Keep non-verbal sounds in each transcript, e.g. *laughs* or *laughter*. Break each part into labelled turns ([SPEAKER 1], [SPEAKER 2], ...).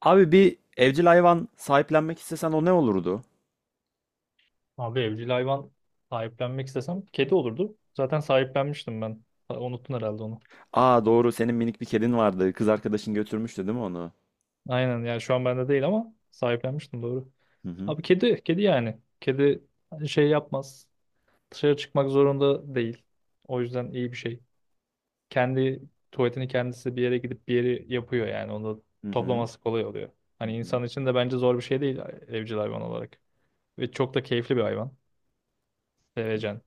[SPEAKER 1] Abi bir evcil hayvan sahiplenmek istesen o ne olurdu?
[SPEAKER 2] Abi evcil hayvan sahiplenmek istesem kedi olurdu. Zaten sahiplenmiştim ben. Ha, unuttun herhalde onu.
[SPEAKER 1] Aa doğru, senin minik bir kedin vardı. Kız arkadaşın götürmüştü değil mi onu?
[SPEAKER 2] Aynen, yani şu an bende değil ama sahiplenmiştim, doğru.
[SPEAKER 1] Hı hı.
[SPEAKER 2] Abi kedi, kedi yani. Kedi şey yapmaz. Dışarı çıkmak zorunda değil. O yüzden iyi bir şey. Kendi tuvaletini kendisi bir yere gidip bir yeri yapıyor yani. Onu
[SPEAKER 1] Hı hı.
[SPEAKER 2] toplaması kolay oluyor.
[SPEAKER 1] Hı
[SPEAKER 2] Hani insan
[SPEAKER 1] hı.
[SPEAKER 2] için de bence zor bir şey değil evcil hayvan olarak. Ve çok da keyifli bir hayvan. Sevecen.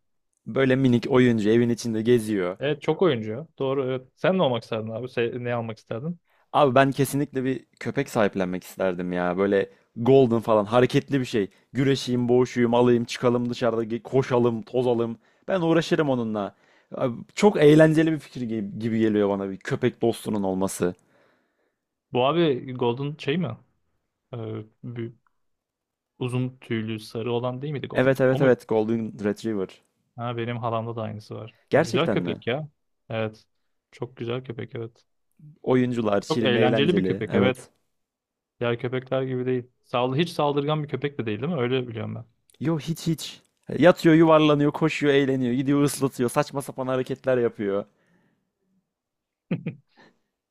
[SPEAKER 1] Böyle minik oyuncu evin içinde geziyor.
[SPEAKER 2] Evet, çok oyuncu ya. Doğru, evet. Sen ne olmak isterdin abi? Ne almak isterdin?
[SPEAKER 1] Abi ben kesinlikle bir köpek sahiplenmek isterdim ya. Böyle golden falan hareketli bir şey. Güreşeyim, boğuşayım, alayım, çıkalım dışarıda koşalım, tozalım. Ben uğraşırım onunla. Abi, çok eğlenceli bir fikir gibi geliyor bana bir köpek dostunun olması.
[SPEAKER 2] Bu abi Golden şey mi? Ee, bir- uzun tüylü sarı olan değil miydi Golden?
[SPEAKER 1] Evet
[SPEAKER 2] O
[SPEAKER 1] evet
[SPEAKER 2] muydu?
[SPEAKER 1] evet Golden Retriever.
[SPEAKER 2] Ha, benim halamda da aynısı var. Güzel
[SPEAKER 1] Gerçekten mi?
[SPEAKER 2] köpek ya. Evet. Çok güzel köpek, evet.
[SPEAKER 1] Oyuncular
[SPEAKER 2] Çok
[SPEAKER 1] şirin,
[SPEAKER 2] eğlenceli bir
[SPEAKER 1] eğlenceli.
[SPEAKER 2] köpek,
[SPEAKER 1] Evet.
[SPEAKER 2] evet. Diğer köpekler gibi değil. Sağ, hiç saldırgan bir köpek de değil, değil mi? Öyle biliyorum ben.
[SPEAKER 1] Yo, hiç. Yatıyor, yuvarlanıyor, koşuyor, eğleniyor, gidiyor, ıslatıyor, saçma sapan hareketler yapıyor.
[SPEAKER 2] *laughs*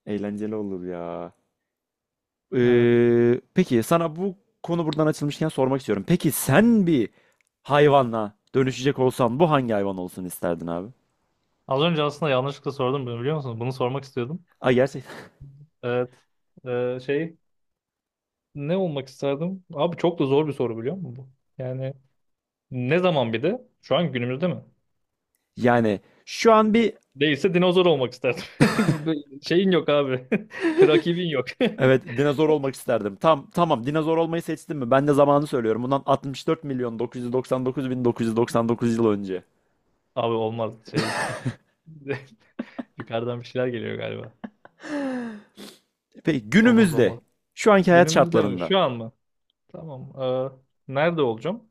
[SPEAKER 1] Eğlenceli olur ya.
[SPEAKER 2] Evet.
[SPEAKER 1] Peki sana bu konu buradan açılmışken sormak istiyorum. Peki sen bir hayvanla dönüşecek olsan bu hangi hayvan olsun isterdin abi?
[SPEAKER 2] Az önce aslında yanlışlıkla sordum bunu, biliyor musunuz? Bunu sormak istiyordum.
[SPEAKER 1] Ay, gerçekten. *laughs*
[SPEAKER 2] Evet. Şey, ne olmak isterdim? Abi çok da zor bir soru biliyor musun bu? Yani ne zaman bir de? Şu an günümüzde mi?
[SPEAKER 1] Yani şu an bir
[SPEAKER 2] Değilse dinozor olmak isterdim. *laughs* Böyle şeyin yok abi. *laughs* Rakibin yok. *laughs*
[SPEAKER 1] evet dinozor olmak isterdim. Tamam, dinozor olmayı seçtim mi? Ben de zamanı söylüyorum. Bundan 64 milyon 999 yıl önce.
[SPEAKER 2] Abi olmaz şey. *laughs* Yukarıdan bir şeyler geliyor galiba.
[SPEAKER 1] Peki
[SPEAKER 2] Olmaz,
[SPEAKER 1] günümüzde
[SPEAKER 2] olmaz.
[SPEAKER 1] şu anki hayat
[SPEAKER 2] Günümüzde mi?
[SPEAKER 1] şartlarında
[SPEAKER 2] Şu an mı? Tamam. Nerede olacağım?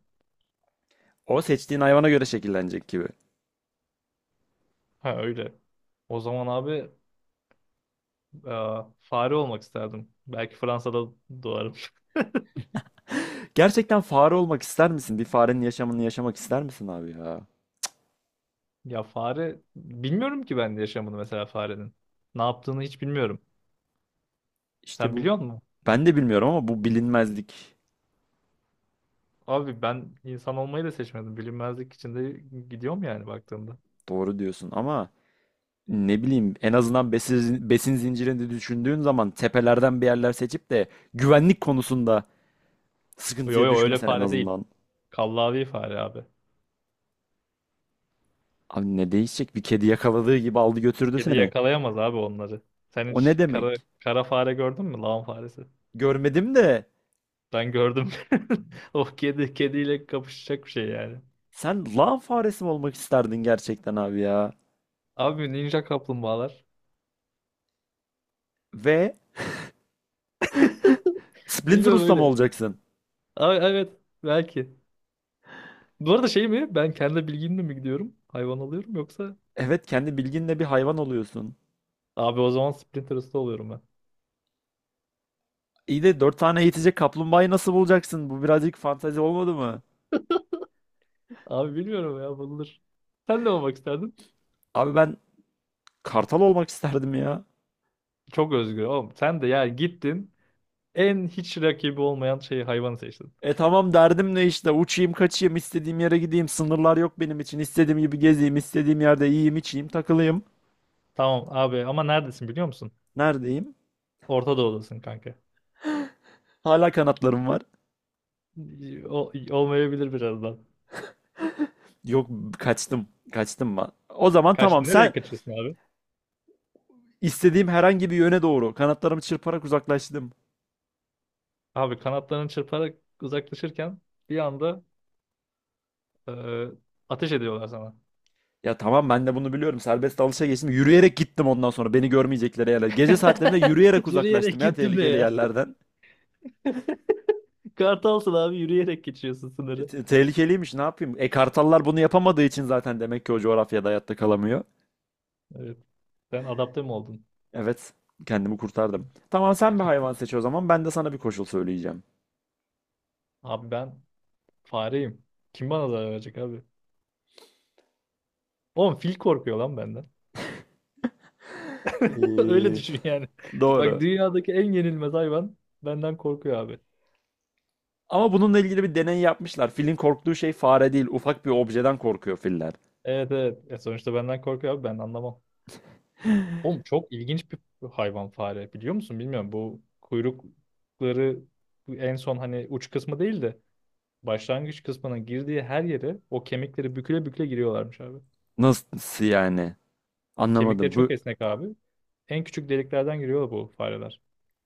[SPEAKER 1] o seçtiğin hayvana göre şekillenecek gibi.
[SPEAKER 2] Ha, öyle. O zaman abi e, fare olmak isterdim. Belki Fransa'da doğarım. *laughs*
[SPEAKER 1] Gerçekten fare olmak ister misin? Bir farenin yaşamını yaşamak ister misin abi ya?
[SPEAKER 2] Ya fare, bilmiyorum ki ben de yaşamını mesela farenin. Ne yaptığını hiç bilmiyorum.
[SPEAKER 1] İşte
[SPEAKER 2] Sen
[SPEAKER 1] bu,
[SPEAKER 2] biliyor musun?
[SPEAKER 1] ben de bilmiyorum ama bu bilinmezlik.
[SPEAKER 2] Abi ben insan olmayı da seçmedim. Bilinmezlik içinde gidiyorum yani baktığımda.
[SPEAKER 1] Doğru diyorsun ama ne bileyim, en azından besin zincirini düşündüğün zaman tepelerden bir yerler seçip de güvenlik konusunda
[SPEAKER 2] Yo
[SPEAKER 1] sıkıntıya
[SPEAKER 2] yo, öyle
[SPEAKER 1] düşmesen en
[SPEAKER 2] fare değil.
[SPEAKER 1] azından.
[SPEAKER 2] Kallavi fare abi.
[SPEAKER 1] Abi ne değişecek? Bir kedi yakaladığı gibi aldı götürdü
[SPEAKER 2] Kedi
[SPEAKER 1] seni.
[SPEAKER 2] yakalayamaz abi onları. Sen
[SPEAKER 1] O ne
[SPEAKER 2] hiç
[SPEAKER 1] demek?
[SPEAKER 2] kara, kara fare gördün mü? Lağım faresi.
[SPEAKER 1] Görmedim de.
[SPEAKER 2] Ben gördüm. *laughs* O kedi, kediyle kapışacak bir şey yani.
[SPEAKER 1] Sen lan faresi mi olmak isterdin gerçekten abi ya?
[SPEAKER 2] Abi ninja kaplumbağalar.
[SPEAKER 1] Ve Splinter
[SPEAKER 2] Bilmiyorum
[SPEAKER 1] Usta mı
[SPEAKER 2] öyle.
[SPEAKER 1] olacaksın?
[SPEAKER 2] Abi, evet, belki. Bu arada şey mi? Ben kendi bilgimle mi gidiyorum? Hayvan alıyorum yoksa?
[SPEAKER 1] Evet, kendi bilginle bir hayvan oluyorsun.
[SPEAKER 2] Abi o zaman Splinter Usta oluyorum ben.
[SPEAKER 1] İyi de dört tane eğitecek kaplumbağayı nasıl bulacaksın? Bu birazcık fantezi olmadı mı?
[SPEAKER 2] Abi bilmiyorum ya, bulunur. Sen ne olmak isterdin?
[SPEAKER 1] Abi ben kartal olmak isterdim ya.
[SPEAKER 2] Çok özgür oğlum. Sen de yani gittin en hiç rakibi olmayan şeyi, hayvanı seçtin.
[SPEAKER 1] E tamam, derdim ne, işte uçayım, kaçayım, istediğim yere gideyim, sınırlar yok benim için, istediğim gibi gezeyim, istediğim yerde yiyeyim, içeyim, takılayım.
[SPEAKER 2] Tamam abi, ama neredesin biliyor musun?
[SPEAKER 1] Neredeyim?
[SPEAKER 2] Orta Doğu'dasın kanka.
[SPEAKER 1] Hala kanatlarım var.
[SPEAKER 2] O, olmayabilir birazdan.
[SPEAKER 1] Yok, kaçtım ben. O zaman tamam
[SPEAKER 2] Kaçtın. Nereye
[SPEAKER 1] sen,
[SPEAKER 2] kaçıyorsun abi?
[SPEAKER 1] İstediğim herhangi bir yöne doğru kanatlarımı çırparak uzaklaştım.
[SPEAKER 2] Abi kanatlarını çırparak uzaklaşırken bir anda e, ateş ediyorlar sana.
[SPEAKER 1] Ya tamam, ben de bunu biliyorum. Serbest dalışa geçtim. Yürüyerek gittim, ondan sonra beni görmeyecekleri yerler. Gece saatlerinde yürüyerek
[SPEAKER 2] *laughs* Yürüyerek
[SPEAKER 1] uzaklaştım ya
[SPEAKER 2] gittim de
[SPEAKER 1] tehlikeli
[SPEAKER 2] ya.
[SPEAKER 1] yerlerden.
[SPEAKER 2] *laughs* Kartalsın abi, yürüyerek geçiyorsun sınırı.
[SPEAKER 1] Tehlikeliymiş, ne yapayım? E kartallar bunu yapamadığı için zaten demek ki o coğrafyada hayatta kalamıyor.
[SPEAKER 2] Evet. Sen adapte mi oldun?
[SPEAKER 1] Evet, kendimi kurtardım. Tamam, sen bir hayvan seç o zaman ben de sana bir koşul söyleyeceğim.
[SPEAKER 2] Abi ben fareyim. Kim bana zarar verecek abi? Oğlum fil korkuyor lan benden. *laughs* Öyle
[SPEAKER 1] Ee,
[SPEAKER 2] düşün yani. Bak,
[SPEAKER 1] Doğru.
[SPEAKER 2] dünyadaki en yenilmez hayvan benden korkuyor abi.
[SPEAKER 1] Ama bununla ilgili bir deney yapmışlar. Filin korktuğu şey fare değil, ufak bir objeden korkuyor filler.
[SPEAKER 2] Evet, evet. E sonuçta benden korkuyor abi, ben anlamam. Oğlum çok ilginç bir hayvan fare, biliyor musun? Bilmiyorum, bu kuyrukları en son hani uç kısmı değil de başlangıç kısmına girdiği her yere o kemikleri büküle büküle giriyorlarmış abi.
[SPEAKER 1] Nasıl yani?
[SPEAKER 2] Kemikleri
[SPEAKER 1] Anlamadım.
[SPEAKER 2] çok
[SPEAKER 1] Bu,
[SPEAKER 2] esnek abi. En küçük deliklerden giriyor bu fareler.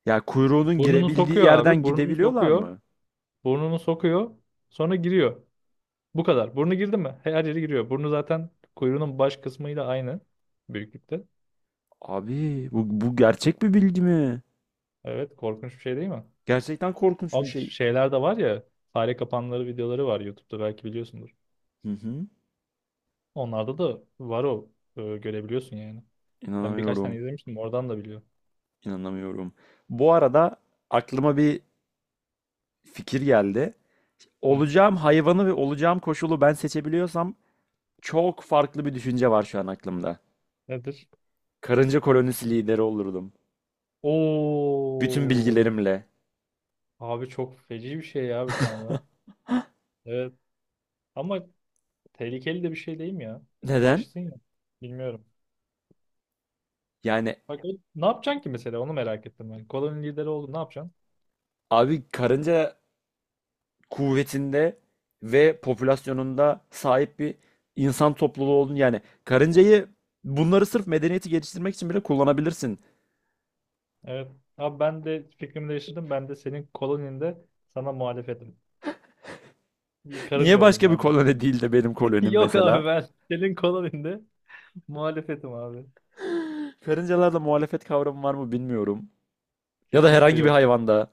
[SPEAKER 1] ya kuyruğunun
[SPEAKER 2] Burnunu
[SPEAKER 1] girebildiği
[SPEAKER 2] sokuyor
[SPEAKER 1] yerden
[SPEAKER 2] abi. Burnunu
[SPEAKER 1] gidebiliyorlar
[SPEAKER 2] sokuyor.
[SPEAKER 1] mı?
[SPEAKER 2] Burnunu sokuyor. Sonra giriyor. Bu kadar. Burnu girdi mi? Her yeri giriyor. Burnu zaten kuyruğunun baş kısmıyla aynı büyüklükte.
[SPEAKER 1] Abi bu gerçek bir bilgi mi?
[SPEAKER 2] Evet, korkunç bir şey değil mi?
[SPEAKER 1] Gerçekten korkunç bir
[SPEAKER 2] Ama
[SPEAKER 1] şey.
[SPEAKER 2] şeyler de var ya, fare kapanları videoları var YouTube'da, belki biliyorsundur.
[SPEAKER 1] Hı hı.
[SPEAKER 2] Onlarda da var o. Görebiliyorsun yani. Ben birkaç tane
[SPEAKER 1] İnanamıyorum.
[SPEAKER 2] izlemiştim. Oradan da biliyorum.
[SPEAKER 1] İnanamıyorum. Bu arada aklıma bir fikir geldi.
[SPEAKER 2] Hı.
[SPEAKER 1] Olacağım hayvanı ve olacağım koşulu ben seçebiliyorsam çok farklı bir düşünce var şu an aklımda.
[SPEAKER 2] Nedir?
[SPEAKER 1] Karınca kolonisi lideri olurdum. Bütün
[SPEAKER 2] Oo,
[SPEAKER 1] bilgilerimle.
[SPEAKER 2] abi çok feci bir şey ya bu şu anda. Evet. Ama tehlikeli de bir şey değil mi ya?
[SPEAKER 1] Neden?
[SPEAKER 2] Başsın ya. Bilmiyorum.
[SPEAKER 1] Yani
[SPEAKER 2] Bak, ne yapacaksın ki mesela, onu merak ettim ben. Koloninin lideri oldun, ne yapacaksın?
[SPEAKER 1] abi karınca kuvvetinde ve popülasyonunda sahip bir insan topluluğu olduğunu, yani karıncayı, bunları sırf medeniyeti geliştirmek için bile kullanabilirsin.
[SPEAKER 2] Evet. Abi ben de fikrimi değiştirdim. Ben de senin koloninde sana muhalefetim.
[SPEAKER 1] Niye
[SPEAKER 2] Karınca oldum
[SPEAKER 1] başka bir
[SPEAKER 2] ben de.
[SPEAKER 1] koloni değil de benim
[SPEAKER 2] *laughs*
[SPEAKER 1] kolonim
[SPEAKER 2] Yok
[SPEAKER 1] mesela?
[SPEAKER 2] abi, ben senin koloninde muhalefetim abi.
[SPEAKER 1] Karıncalarda muhalefet kavramı var mı bilmiyorum. Ya da
[SPEAKER 2] Kesinlikle
[SPEAKER 1] herhangi bir
[SPEAKER 2] yok.
[SPEAKER 1] hayvanda.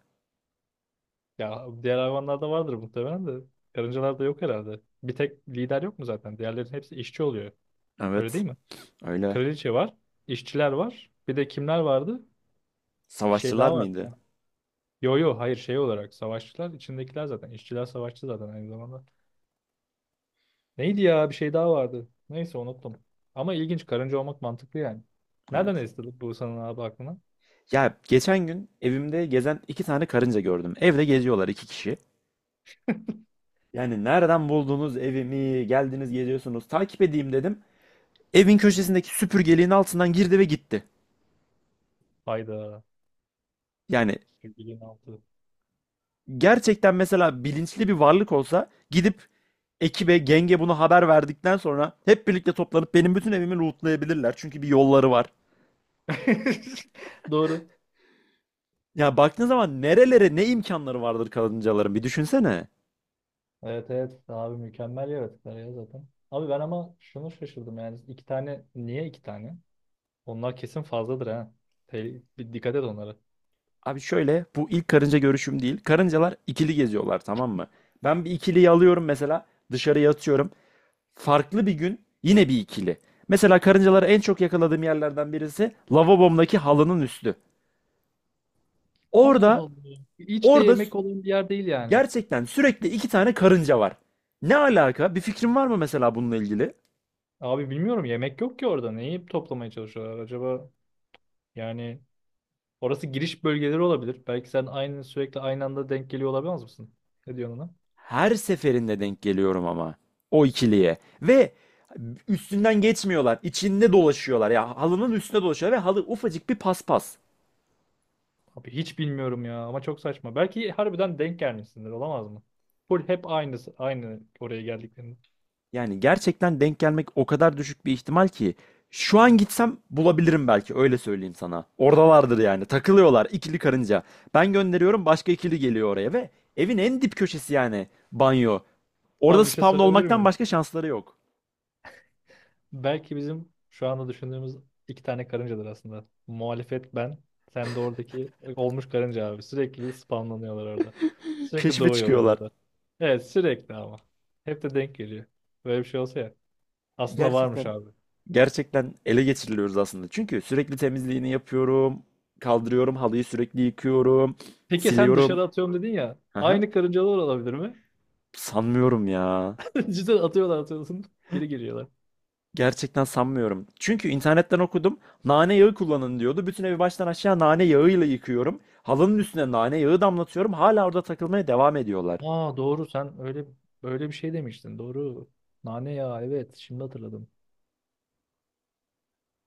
[SPEAKER 2] Ya diğer hayvanlarda vardır muhtemelen de. Karıncalarda yok herhalde. Bir tek lider yok mu zaten? Diğerlerin hepsi işçi oluyor. Öyle değil
[SPEAKER 1] Evet,
[SPEAKER 2] mi?
[SPEAKER 1] öyle.
[SPEAKER 2] Kraliçe var. İşçiler var. Bir de kimler vardı? Bir şey
[SPEAKER 1] Savaşçılar
[SPEAKER 2] daha var.
[SPEAKER 1] mıydı?
[SPEAKER 2] Ha. Yo yo, hayır, şey olarak savaşçılar içindekiler zaten. İşçiler savaşçı zaten aynı zamanda. Neydi ya? Bir şey daha vardı. Neyse, unuttum. Ama ilginç. Karınca olmak mantıklı yani. Nereden
[SPEAKER 1] Evet.
[SPEAKER 2] esti bu sanın abi aklına?
[SPEAKER 1] Ya geçen gün evimde gezen iki tane karınca gördüm. Evde geziyorlar, iki kişi. Yani nereden buldunuz evimi? Geldiniz, geziyorsunuz. Takip edeyim dedim. Evin köşesindeki süpürgeliğin altından girdi ve gitti.
[SPEAKER 2] Hayda.
[SPEAKER 1] Yani
[SPEAKER 2] Sürgülüğün altı.
[SPEAKER 1] gerçekten mesela bilinçli bir varlık olsa gidip ekibe, genge bunu haber verdikten sonra hep birlikte toplanıp benim bütün evimi lootlayabilirler. Çünkü bir yolları var.
[SPEAKER 2] *laughs* Doğru.
[SPEAKER 1] Ya baktığın zaman nerelere ne imkanları vardır karıncaların bir düşünsene.
[SPEAKER 2] Evet, evet. Abi mükemmel yaratıklar ya zaten. Abi ben ama şunu şaşırdım yani. İki tane. Niye iki tane? Onlar kesin fazladır ha. Bir dikkat et onlara.
[SPEAKER 1] Abi şöyle, bu ilk karınca görüşüm değil. Karıncalar ikili geziyorlar, tamam mı? Ben bir ikiliyi alıyorum mesela, dışarıya atıyorum. Farklı bir gün yine bir ikili. Mesela karıncaları en çok yakaladığım yerlerden birisi lavabomdaki halının üstü.
[SPEAKER 2] Allah
[SPEAKER 1] Orada
[SPEAKER 2] Allah. Hiç de
[SPEAKER 1] orada
[SPEAKER 2] yemek olan bir yer değil yani.
[SPEAKER 1] gerçekten sürekli iki tane karınca var. Ne alaka? Bir fikrin var mı mesela bununla ilgili?
[SPEAKER 2] Abi bilmiyorum, yemek yok ki orada. Neyi toplamaya çalışıyorlar acaba? Yani orası giriş bölgeleri olabilir. Belki sen aynı, sürekli aynı anda denk geliyor olamaz mısın? Ne diyorsun ona?
[SPEAKER 1] Her seferinde denk geliyorum ama o ikiliye, ve üstünden geçmiyorlar, içinde dolaşıyorlar ya, halının üstüne dolaşıyorlar ve halı ufacık bir paspas.
[SPEAKER 2] Abi hiç bilmiyorum ya, ama çok saçma. Belki harbiden denk gelmişsindir, olamaz mı? Full hep aynı oraya geldiklerinde.
[SPEAKER 1] Yani gerçekten denk gelmek o kadar düşük bir ihtimal ki şu an gitsem bulabilirim, belki öyle söyleyeyim sana. Oradalardır yani, takılıyorlar ikili karınca. Ben gönderiyorum, başka ikili geliyor oraya ve evin en dip köşesi yani banyo. Orada
[SPEAKER 2] Abi bir şey
[SPEAKER 1] spawn
[SPEAKER 2] sorabilir
[SPEAKER 1] olmaktan
[SPEAKER 2] miyim?
[SPEAKER 1] başka şansları yok.
[SPEAKER 2] Belki bizim şu anda düşündüğümüz iki tane karıncadır aslında. Muhalefet ben, sen de oradaki olmuş karınca abi. Sürekli spamlanıyorlar orada. Sürekli
[SPEAKER 1] Keşfe
[SPEAKER 2] doğuyorlar
[SPEAKER 1] çıkıyorlar.
[SPEAKER 2] orada. Evet sürekli ama. Hep de denk geliyor. Böyle bir şey olsa ya. Aslında varmış
[SPEAKER 1] Gerçekten,
[SPEAKER 2] abi.
[SPEAKER 1] gerçekten ele geçiriliyoruz aslında. Çünkü sürekli temizliğini yapıyorum, kaldırıyorum, halıyı sürekli yıkıyorum,
[SPEAKER 2] Peki sen
[SPEAKER 1] siliyorum.
[SPEAKER 2] dışarı atıyorum dedin ya.
[SPEAKER 1] Aha,
[SPEAKER 2] Aynı karıncalar olabilir mi?
[SPEAKER 1] sanmıyorum ya.
[SPEAKER 2] *laughs* Cidden atıyorlar, atıyorsun. Geri geliyorlar.
[SPEAKER 1] Gerçekten sanmıyorum. Çünkü internetten okudum. Nane yağı kullanın diyordu. Bütün evi baştan aşağı nane yağıyla yıkıyorum. Halının üstüne nane yağı damlatıyorum. Hala orada takılmaya devam ediyorlar.
[SPEAKER 2] Aa doğru, sen öyle bir şey demiştin. Doğru. Nane yağı, evet, şimdi hatırladım.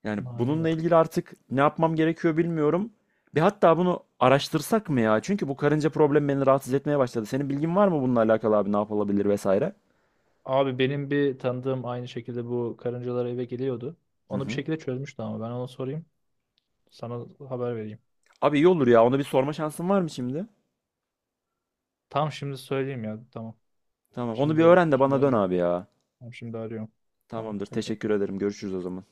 [SPEAKER 1] Yani
[SPEAKER 2] Nane
[SPEAKER 1] bununla
[SPEAKER 2] yağı.
[SPEAKER 1] ilgili artık ne yapmam gerekiyor bilmiyorum. Bir, hatta bunu araştırsak mı ya? Çünkü bu karınca problemi beni rahatsız etmeye başladı. Senin bilgin var mı bununla alakalı abi, ne yapılabilir vesaire?
[SPEAKER 2] Abi benim bir tanıdığım, aynı şekilde bu karıncalar eve geliyordu.
[SPEAKER 1] Hı
[SPEAKER 2] Onu bir
[SPEAKER 1] hı.
[SPEAKER 2] şekilde çözmüştü, ama ben ona sorayım. Sana haber vereyim.
[SPEAKER 1] Abi iyi olur ya. Onu bir sorma şansın var mı şimdi?
[SPEAKER 2] Tamam, şimdi söyleyeyim ya. Tamam.
[SPEAKER 1] Tamam. Onu bir
[SPEAKER 2] Şimdi
[SPEAKER 1] öğren de
[SPEAKER 2] şimdi
[SPEAKER 1] bana dön
[SPEAKER 2] arıyorum.
[SPEAKER 1] abi ya.
[SPEAKER 2] Tamam, şimdi arıyorum. Tamam.
[SPEAKER 1] Tamamdır.
[SPEAKER 2] Hadi
[SPEAKER 1] Teşekkür ederim. Görüşürüz o zaman.